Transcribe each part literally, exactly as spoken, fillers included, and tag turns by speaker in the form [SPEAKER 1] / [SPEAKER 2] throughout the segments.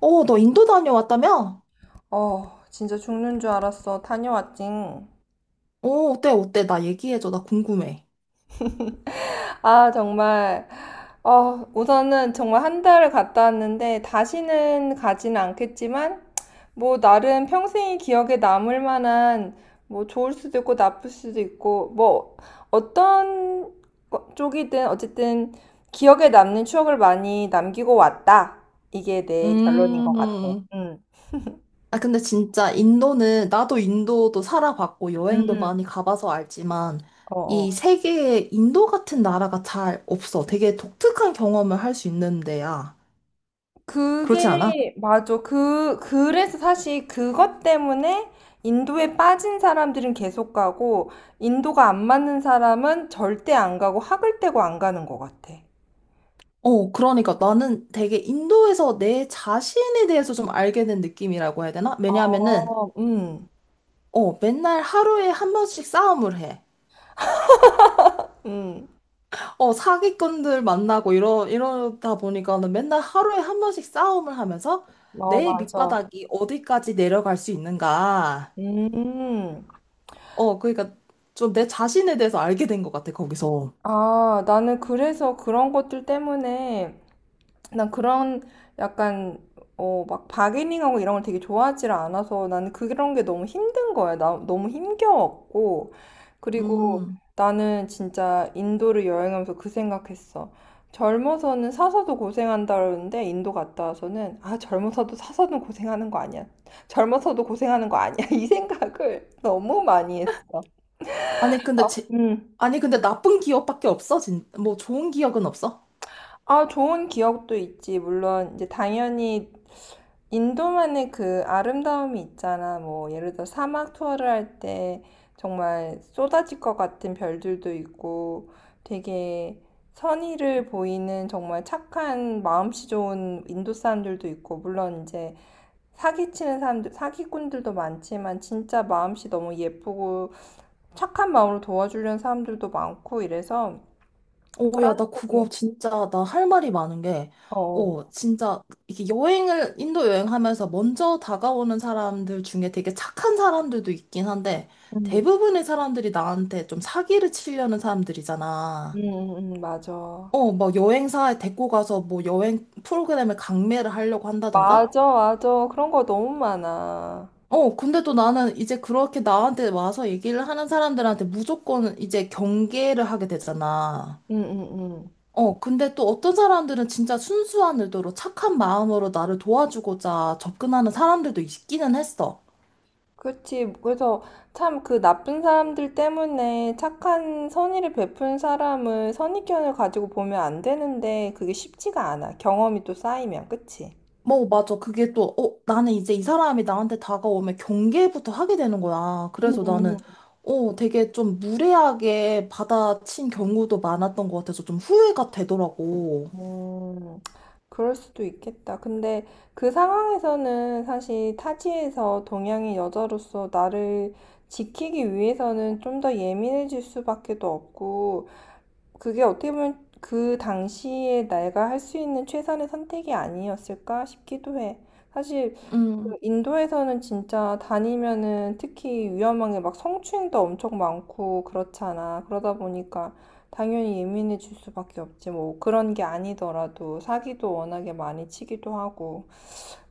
[SPEAKER 1] 어, 너 인도 다녀왔다며?
[SPEAKER 2] 어, 진짜 죽는 줄 알았어. 다녀왔징.
[SPEAKER 1] 어, 어때, 어때? 나 얘기해줘. 나 궁금해.
[SPEAKER 2] 아, 정말. 어, 우선은 정말 한 달을 갔다 왔는데 다시는 가진 않겠지만 뭐 나름 평생이 기억에 남을 만한 뭐 좋을 수도 있고 나쁠 수도 있고 뭐 어떤 거- 쪽이든 어쨌든 기억에 남는 추억을 많이 남기고 왔다. 이게 내 결론인 것 같아.
[SPEAKER 1] 음.
[SPEAKER 2] 응.
[SPEAKER 1] 아, 근데 진짜 인도는, 나도 인도도 살아봤고, 여행도
[SPEAKER 2] 음.
[SPEAKER 1] 많이 가봐서 알지만,
[SPEAKER 2] 어,
[SPEAKER 1] 이
[SPEAKER 2] 어.
[SPEAKER 1] 세계에 인도 같은 나라가 잘 없어. 되게 독특한 경험을 할 수 있는데야. 그렇지 않아?
[SPEAKER 2] 그게 맞아. 그 그래서 사실 그것 때문에 인도에 빠진 사람들은 계속 가고 인도가 안 맞는 사람은 절대 안 가고 학을 떼고 안 가는 것 같아.
[SPEAKER 1] 어, 그러니까 나는 되게 인도에서 내 자신에 대해서 좀 알게 된 느낌이라고 해야 되나? 왜냐하면은,
[SPEAKER 2] 어, 음,
[SPEAKER 1] 어, 맨날 하루에 한 번씩 싸움을 해.
[SPEAKER 2] 음,
[SPEAKER 1] 어, 사기꾼들 만나고 이러, 이러다 보니까는 맨날 하루에 한 번씩 싸움을 하면서
[SPEAKER 2] 어,
[SPEAKER 1] 내
[SPEAKER 2] 맞아.
[SPEAKER 1] 밑바닥이 어디까지 내려갈 수 있는가.
[SPEAKER 2] 음,
[SPEAKER 1] 어, 그러니까 좀 내 자신에 대해서 알게 된 것 같아, 거기서.
[SPEAKER 2] 아, 나는 그래서 그런 것들 때문에 난 그런 약간 어 막 바게닝하고 이런 걸 되게 좋아하지를 않아서 나는 그런 게 너무 힘든 거야. 나 너무 힘겨웠고 그리고
[SPEAKER 1] 음.
[SPEAKER 2] 나는 진짜 인도를 여행하면서 그 생각했어. 젊어서는 사서도 고생한다 그러는데 인도 갔다 와서는, 아, 젊어서도 사서는 고생하는 거 아니야. 젊어서도 고생하는 거 아니야. 이 생각을 너무 많이 했어.
[SPEAKER 1] 아니, 근데
[SPEAKER 2] 아,
[SPEAKER 1] 제,
[SPEAKER 2] 음.
[SPEAKER 1] 아니, 근데 나쁜 기억밖에 없어? 진, 뭐 좋은 기억은 없어?
[SPEAKER 2] 아, 좋은 기억도 있지. 물론, 이제 당연히 인도만의 그 아름다움이 있잖아. 뭐, 예를 들어 사막 투어를 할 때 정말 쏟아질 것 같은 별들도 있고 되게 선의를 보이는 정말 착한 마음씨 좋은 인도 사람들도 있고, 물론 이제 사기치는 사람들, 사기꾼들도 많지만 진짜 마음씨 너무 예쁘고 착한 마음으로 도와주려는 사람들도 많고 이래서
[SPEAKER 1] 오, 야,
[SPEAKER 2] 그런
[SPEAKER 1] 나 그거
[SPEAKER 2] 것들은.
[SPEAKER 1] 진짜, 나 할 말이 많은 게,
[SPEAKER 2] 어,
[SPEAKER 1] 어, 진짜, 이게 여행을, 인도 여행하면서 먼저 다가오는 사람들 중에 되게 착한 사람들도 있긴 한데,
[SPEAKER 2] 음.
[SPEAKER 1] 대부분의 사람들이 나한테 좀 사기를 치려는
[SPEAKER 2] 응,
[SPEAKER 1] 사람들이잖아.
[SPEAKER 2] 응, 응, 맞아.
[SPEAKER 1] 어, 막 여행사에 데리고 가서 뭐 여행 프로그램에 강매를 하려고 한다던가?
[SPEAKER 2] 맞아, 맞아. 그런 거 너무 많아.
[SPEAKER 1] 어, 근데 또 나는 이제 그렇게 나한테 와서 얘기를 하는 사람들한테 무조건 이제 경계를 하게 되잖아.
[SPEAKER 2] 응, 응, 응.
[SPEAKER 1] 어, 근데 또 어떤 사람들은 진짜 순수한 의도로 착한 마음으로 나를 도와주고자 접근하는 사람들도 있기는 했어.
[SPEAKER 2] 그렇지. 그래서 참 그 나쁜 사람들 때문에 착한 선의를 베푼 사람을 선입견을 가지고 보면 안 되는데 그게 쉽지가 않아. 경험이 또 쌓이면, 그치?
[SPEAKER 1] 뭐, 맞아. 그게 또, 어, 나는 이제 이 사람이 나한테 다가오면 경계부터 하게 되는 거야.
[SPEAKER 2] 응,
[SPEAKER 1] 그래서 나는,
[SPEAKER 2] 응,
[SPEAKER 1] 어, 되게 좀 무례하게 받아친 경우도 많았던 것 같아서 좀 후회가 되더라고.
[SPEAKER 2] 응. 그럴 수도 있겠다. 근데 그 상황에서는 사실 타지에서 동양인 여자로서 나를 지키기 위해서는 좀 더 예민해질 수밖에도 없고, 그게 어떻게 보면 그 당시에 내가 할 수 있는 최선의 선택이 아니었을까 싶기도 해. 사실 그
[SPEAKER 1] 음.
[SPEAKER 2] 인도에서는 진짜 다니면은 특히 위험한 게 막 성추행도 엄청 많고 그렇잖아. 그러다 보니까 당연히 예민해질 수밖에 없지. 뭐 그런 게 아니더라도 사기도 워낙에 많이 치기도 하고.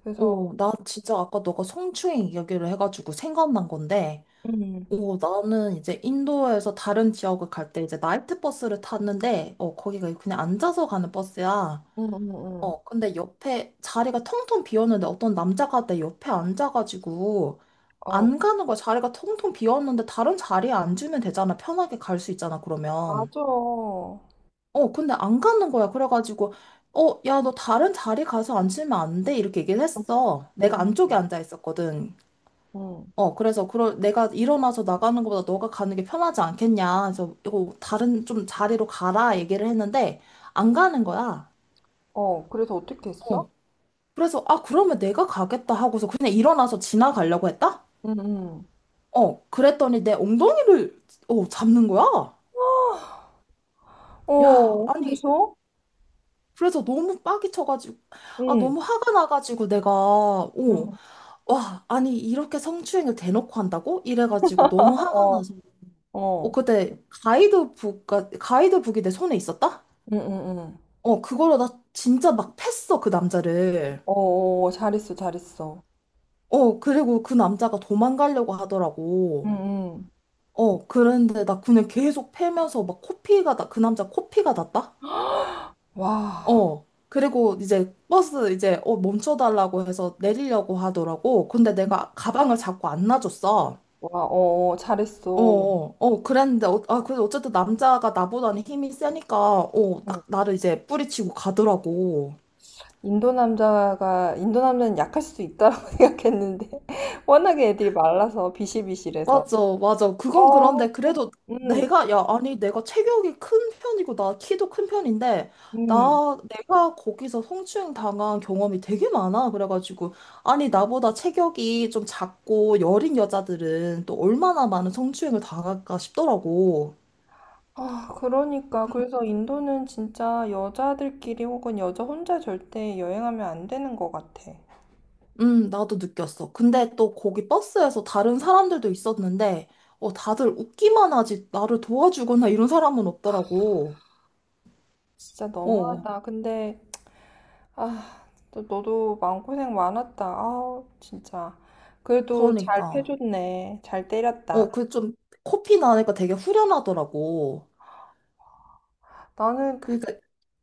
[SPEAKER 2] 그래서.
[SPEAKER 1] 어, 나 진짜 아까 너가 성추행 이야기를 해가지고 생각난 건데,
[SPEAKER 2] 음,
[SPEAKER 1] 오, 나는 이제 인도에서 다른 지역을 갈 때 이제 나이트 버스를 탔는데, 어, 거기가 그냥 앉아서 가는 버스야.
[SPEAKER 2] 음, 음, 음.
[SPEAKER 1] 어, 근데 옆에 자리가 텅텅 비었는데 어떤 남자가 내 옆에 앉아가지고
[SPEAKER 2] 어,
[SPEAKER 1] 안 가는 거야. 자리가 텅텅 비었는데 다른 자리에 앉으면 되잖아. 편하게 갈 수 있잖아, 그러면.
[SPEAKER 2] 맞아.
[SPEAKER 1] 어, 근데 안 가는 거야. 그래가지고, 어, 야, 너 다른 자리 가서 앉으면 안 돼. 이렇게 얘기를 했어. 내가
[SPEAKER 2] 응,
[SPEAKER 1] 안쪽에 앉아 있었거든.
[SPEAKER 2] 응.
[SPEAKER 1] 어, 그래서 그럴 내가 일어나서 나가는 것보다 너가 가는 게 편하지 않겠냐. 그래서 이거 다른 좀 자리로 가라 얘기를 했는데 안 가는 거야.
[SPEAKER 2] 어, 그래서 어떻게 했어?
[SPEAKER 1] 어. 그래서 아, 그러면 내가 가겠다 하고서 그냥 일어나서 지나가려고 했다?
[SPEAKER 2] 응, 응.
[SPEAKER 1] 어. 그랬더니 내 엉덩이를 어, 잡는 거야. 야,
[SPEAKER 2] 어,
[SPEAKER 1] 아니
[SPEAKER 2] 그래서?
[SPEAKER 1] 그래서 너무 빡이 쳐가지고 아,
[SPEAKER 2] 응,
[SPEAKER 1] 너무 화가 나가지고 내가 어,
[SPEAKER 2] 응,
[SPEAKER 1] 와, 아니 이렇게 성추행을 대놓고 한다고? 이래가지고 너무 화가
[SPEAKER 2] 어,
[SPEAKER 1] 나서 어,
[SPEAKER 2] 어,
[SPEAKER 1] 그때 가이드북, 가이드북이 내 손에 있었다?
[SPEAKER 2] 응, 응, 응.
[SPEAKER 1] 어, 그걸로 나 진짜 막 팼어, 그 남자를.
[SPEAKER 2] 어, 어, 잘했어, 잘했어.
[SPEAKER 1] 어, 그리고 그 남자가 도망가려고
[SPEAKER 2] 응,
[SPEAKER 1] 하더라고.
[SPEAKER 2] 응.
[SPEAKER 1] 어, 그런데 나 그냥 계속 패면서 막 코피가, 나, 그 남자 코피가 났다?
[SPEAKER 2] 와,
[SPEAKER 1] 어, 그리고 이제 버스 이제 어, 멈춰달라고 해서 내리려고 하더라고. 근데 내가 가방을 자꾸 안 놔줬어.
[SPEAKER 2] 와, 어, 어,
[SPEAKER 1] 어,
[SPEAKER 2] 잘했어.
[SPEAKER 1] 어, 어, 그랬는데, 어, 아, 그래도 어쨌든 남자가 나보다는 힘이 세니까, 어,
[SPEAKER 2] 응.
[SPEAKER 1] 딱 나를 이제 뿌리치고 가더라고.
[SPEAKER 2] 인도 남자가, 인도 남자는 약할 수도 있다라고 생각했는데, 워낙에 애들이 말라서, 비실비실해서.
[SPEAKER 1] 맞아, 맞아. 그건
[SPEAKER 2] 어,
[SPEAKER 1] 그런데 그래도
[SPEAKER 2] 응,
[SPEAKER 1] 내가, 야, 아니, 내가 체격이 큰 편이고, 나 키도 큰 편인데,
[SPEAKER 2] 응.
[SPEAKER 1] 나, 내가 거기서 성추행 당한 경험이 되게 많아. 그래가지고, 아니, 나보다 체격이 좀 작고 여린 여자들은 또 얼마나 많은 성추행을 당할까 싶더라고.
[SPEAKER 2] 아, 그러니까. 그래서 인도는 진짜 여자들끼리 혹은 여자 혼자 절대 여행하면 안 되는 것 같아.
[SPEAKER 1] 음, 나도 느꼈어. 근데 또 거기 버스에서 다른 사람들도 있었는데, 어, 다들 웃기만 하지, 나를 도와주거나 이런 사람은 없더라고.
[SPEAKER 2] 진짜
[SPEAKER 1] 어,
[SPEAKER 2] 너무하다. 근데, 아, 너, 너도 마음고생 많았다. 아, 진짜. 그래도 잘
[SPEAKER 1] 그러니까.
[SPEAKER 2] 패줬네. 잘
[SPEAKER 1] 어,
[SPEAKER 2] 때렸다.
[SPEAKER 1] 그 좀 코피 나니까 되게 후련하더라고.
[SPEAKER 2] 나는,
[SPEAKER 1] 그러니까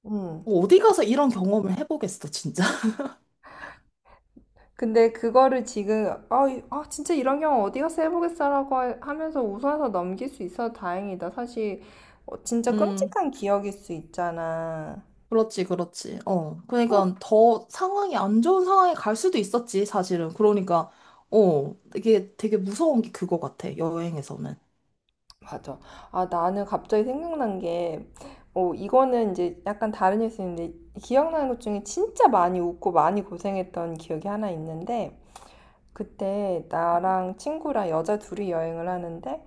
[SPEAKER 2] 음.
[SPEAKER 1] 뭐 어디 가서 이런 경험을 해보겠어, 진짜.
[SPEAKER 2] 근데 그거를 지금, 아, 이- 아, 진짜 이런 경우 어디 가서 해보겠어라고 하- 하면서 웃어서 넘길 수 있어서 다행이다. 사실, 어, 진짜
[SPEAKER 1] 음,
[SPEAKER 2] 끔찍한 기억일 수 있잖아.
[SPEAKER 1] 그렇지, 그렇지. 어, 그러니까 더 상황이 안 좋은 상황에 갈 수도 있었지, 사실은. 그러니까, 어, 이게 되게 무서운 게 그거 같아, 여행에서는.
[SPEAKER 2] 맞아. 아, 나는 갑자기 생각난 게, 어, 이거는 이제 약간 다른 뉴스인데, 기억나는 것 중에 진짜 많이 웃고 많이 고생했던 기억이 하나 있는데, 그때 나랑 친구랑 여자 둘이 여행을 하는데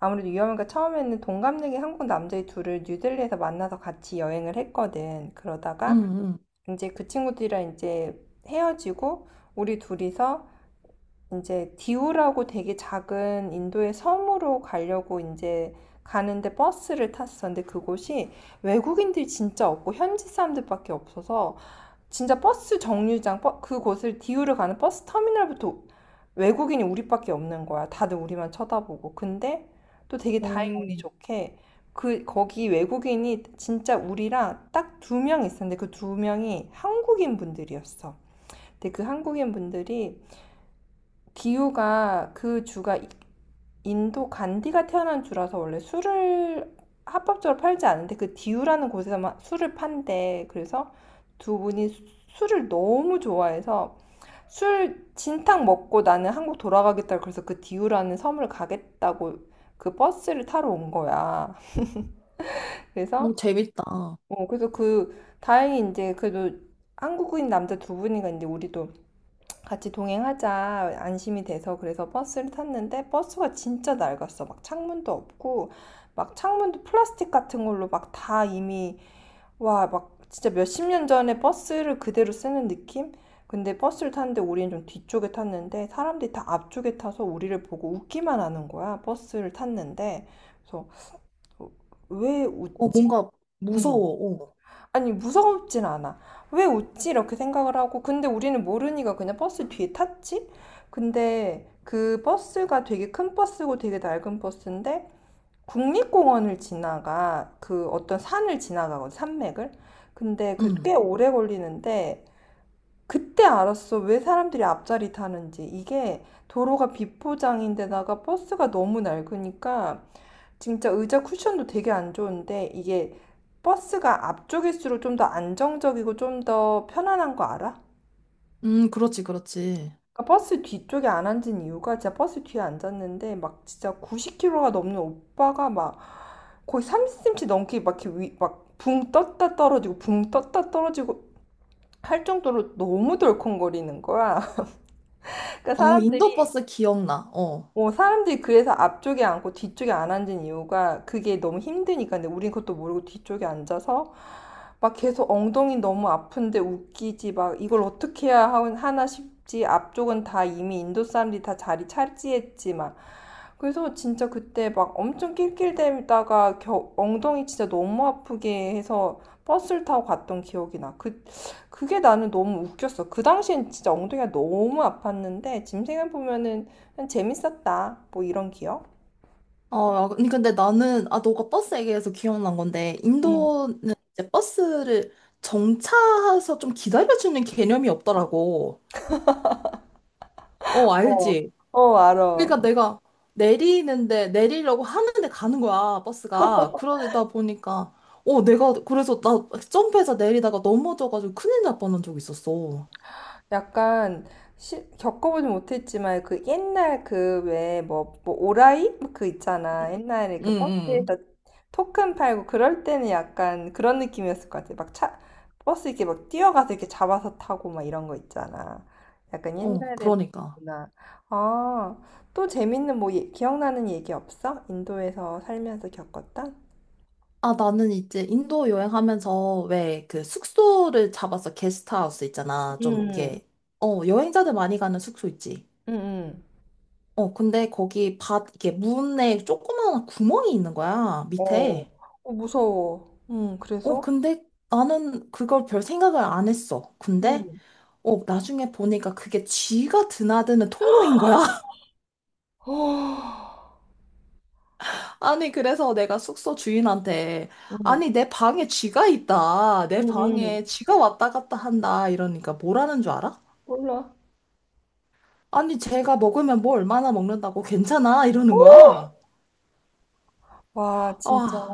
[SPEAKER 2] 아무래도 위험하니 처음에는 동갑내기 한국 남자애 둘을 뉴델리에서 만나서 같이 여행을 했거든. 그러다가
[SPEAKER 1] 응,
[SPEAKER 2] 이제 그 친구들이랑 이제 헤어지고 우리 둘이서 이제 디우라고 되게 작은 인도의 섬으로 가려고 이제 가는데 버스를 탔어. 근데 그곳이 외국인들이 진짜 없고 현지 사람들밖에 없어서 진짜 버스 정류장 그곳을 디우를 가는 버스 터미널부터 외국인이 우리밖에 없는 거야. 다들 우리만 쳐다보고. 근데 또 되게
[SPEAKER 1] 응.
[SPEAKER 2] 다행 운이
[SPEAKER 1] 어,
[SPEAKER 2] 좋게 그 거기 외국인이 진짜 우리랑 딱 두 명 있었는데 그 두 명이 한국인 분들이었어. 근데 그 한국인 분들이 디우가 그 주가 인도 간디가 태어난 주라서 원래 술을 합법적으로 팔지 않는데 그 디우라는 곳에서만 술을 판대. 그래서 두 분이 술을 너무 좋아해서 술 진탕 먹고 나는 한국 돌아가겠다. 그래서 그 디우라는 섬을 가겠다고 그 버스를 타러 온 거야. 그래서
[SPEAKER 1] 어, 재밌다. 어,
[SPEAKER 2] 어, 그래서 그 다행히 이제 그래도 한국인 남자 두 분이가 이제 우리도 같이 동행하자 안심이 돼서 그래서 버스를 탔는데 버스가 진짜 낡았어. 막 창문도 없고 막 창문도 플라스틱 같은 걸로 막 다 이미, 와, 막 진짜 몇십 년 전에 버스를 그대로 쓰는 느낌? 근데 버스를 탔는데 우리는 좀 뒤쪽에 탔는데 사람들이 다 앞쪽에 타서 우리를 보고 웃기만 하는 거야. 버스를 탔는데 그래서, 어, 왜 웃지?
[SPEAKER 1] 뭔가 무서워,
[SPEAKER 2] 응.
[SPEAKER 1] 어.
[SPEAKER 2] 아니 무섭진 않아. 왜 웃지? 이렇게 생각을 하고 근데 우리는 모르니까 그냥 버스 뒤에 탔지? 근데 그 버스가 되게 큰 버스고 되게 낡은 버스인데 국립공원을 지나가 그 어떤 산을 지나가거든 산맥을. 근데 그 꽤
[SPEAKER 1] 음,
[SPEAKER 2] 오래 걸리는데 그때 알았어 왜 사람들이 앞자리 타는지 이게 도로가 비포장인데다가 버스가 너무 낡으니까 진짜 의자 쿠션도 되게 안 좋은데 이게 버스가 앞쪽일수록 좀 더 안정적이고 좀 더 편안한 거 알아?
[SPEAKER 1] 음, 그렇지, 그렇지.
[SPEAKER 2] 그러니까 버스 뒤쪽에 안 앉은 이유가 진짜 버스 뒤에 앉았는데 막 진짜 구십 킬로그램이 넘는 오빠가 막 거의 삼십 센티미터 넘게 막 이렇게 위, 막붕 떴다 떨어지고 붕 떴다 떨어지고 할 정도로 너무 덜컹거리는 거야. 그러니까
[SPEAKER 1] 어,
[SPEAKER 2] 사람들이
[SPEAKER 1] 인도버스 기억나, 어.
[SPEAKER 2] 어, 사람들이 그래서 앞쪽에 앉고 뒤쪽에 안 앉은 이유가 그게 너무 힘드니까. 근데 우린 그것도 모르고 뒤쪽에 앉아서 막 계속 엉덩이 너무 아픈데 웃기지. 막 이걸 어떻게 해야 하- 하나 싶지. 앞쪽은 다 이미 인도 사람들이 다 자리 차지했지. 막 그래서 진짜 그때 막 엄청 낄낄대다가 겨- 엉덩이 진짜 너무 아프게 해서 버스를 타고 갔던 기억이 나. 그, 그게 나는 너무 웃겼어. 그 당시엔 진짜 엉덩이가 너무 아팠는데 지금 생각해보면은 그냥 재밌었다. 뭐 이런 기억?
[SPEAKER 1] 어, 야, 아니, 근데 나는, 아, 너가 버스 얘기해서 기억난 건데,
[SPEAKER 2] 응.
[SPEAKER 1] 인도는 이제 버스를 정차해서 좀 기다려주는 개념이 없더라고. 어,
[SPEAKER 2] 어,
[SPEAKER 1] 알지?
[SPEAKER 2] 어, 알아.
[SPEAKER 1] 그러니까 내가 내리는데, 내리려고 하는데 가는 거야, 버스가. 그러다 보니까, 어, 내가, 그래서 나 점프해서 내리다가 넘어져가지고 큰일 날 뻔한 적 있었어.
[SPEAKER 2] 약간 시- 겪어보지 못했지만 그 옛날 그 왜 뭐 뭐 오라이 뭐 그 있잖아 옛날에
[SPEAKER 1] 응,
[SPEAKER 2] 그
[SPEAKER 1] 응.
[SPEAKER 2] 버스에서 토큰 팔고 그럴 때는 약간 그런 느낌이었을 것 같아 막 차 버스 이렇게 막 뛰어가서 이렇게 잡아서 타고 막 이런 거 있잖아 약간
[SPEAKER 1] 어,
[SPEAKER 2] 옛날에
[SPEAKER 1] 그러니까.
[SPEAKER 2] 뭐나 아 또 재밌는 뭐 예- 기억나는 얘기 없어? 인도에서 살면서 겪었던?
[SPEAKER 1] 아, 나는 이제 인도 여행하면서 왜 그 숙소를 잡았어. 게스트하우스 있잖아. 좀
[SPEAKER 2] 응,
[SPEAKER 1] 이렇게, 어, 여행자들 많이 가는 숙소 있지.
[SPEAKER 2] 응, 응.
[SPEAKER 1] 어, 근데 거기 밭, 이게 문에 조그마한 구멍이 있는 거야.
[SPEAKER 2] 어,
[SPEAKER 1] 밑에.
[SPEAKER 2] 어, 무서워. 응,
[SPEAKER 1] 어,
[SPEAKER 2] 그래서?
[SPEAKER 1] 근데 나는 그걸 별 생각을 안 했어. 근데,
[SPEAKER 2] 응.
[SPEAKER 1] 어, 나중에 보니까 그게 쥐가 드나드는 통로인 거야. 아니, 그래서 내가 숙소 주인한테,
[SPEAKER 2] 응,
[SPEAKER 1] 아니, 내 방에 쥐가 있다. 내
[SPEAKER 2] 응,
[SPEAKER 1] 방에 쥐가 왔다 갔다 한다. 이러니까 뭐라는 줄 알아?
[SPEAKER 2] 몰라.
[SPEAKER 1] 아니, 제가 먹으면 뭐 얼마나 먹는다고 괜찮아? 이러는 거야.
[SPEAKER 2] 와, 진짜.
[SPEAKER 1] 아,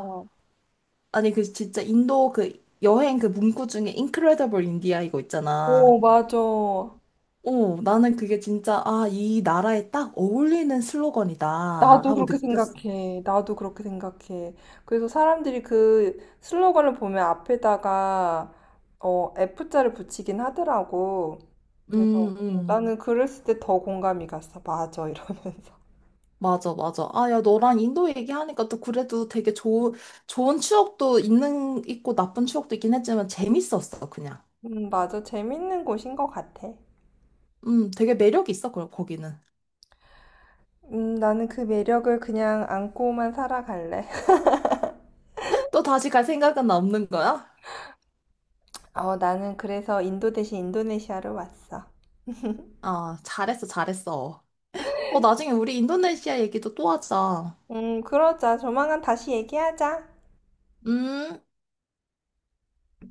[SPEAKER 1] 아니, 그 진짜 인도 그 여행 그 문구 중에 인크레더블 인디아 이거
[SPEAKER 2] 오,
[SPEAKER 1] 있잖아.
[SPEAKER 2] 맞아. 나도
[SPEAKER 1] 어, 나는 그게 진짜, 아, 이 나라에 딱 어울리는 슬로건이다 하고
[SPEAKER 2] 그렇게
[SPEAKER 1] 느꼈어.
[SPEAKER 2] 생각해. 나도 그렇게 생각해. 그래서 사람들이 그 슬로건을 보면 앞에다가 어, F자를 붙이긴 하더라고. 그래서
[SPEAKER 1] 음,
[SPEAKER 2] 음, 응.
[SPEAKER 1] 음.
[SPEAKER 2] 나는 그랬을 때 더 공감이 갔어. 맞아, 이러면서.
[SPEAKER 1] 맞아, 맞아. 아, 야, 너랑 인도 얘기하니까 또 그래도 되게 좋은, 좋은 추억도 있는, 있고 나쁜 추억도 있긴 했지만 재밌었어, 그냥.
[SPEAKER 2] 음, 맞아. 재밌는 곳인 것 같아.
[SPEAKER 1] 음, 되게 매력 있어, 거- 거기는.
[SPEAKER 2] 음, 나는 그 매력을 그냥 안고만 살아갈래.
[SPEAKER 1] 또 다시 갈 생각은 없는 거야?
[SPEAKER 2] 어, 나는 그래서 인도 대신 인도네시아로 왔어.
[SPEAKER 1] 아, 잘했어, 잘했어. 어, 나중에 우리 인도네시아 얘기도 또 하자.
[SPEAKER 2] 음, 그러자. 조만간 다시 얘기하자.
[SPEAKER 1] 음.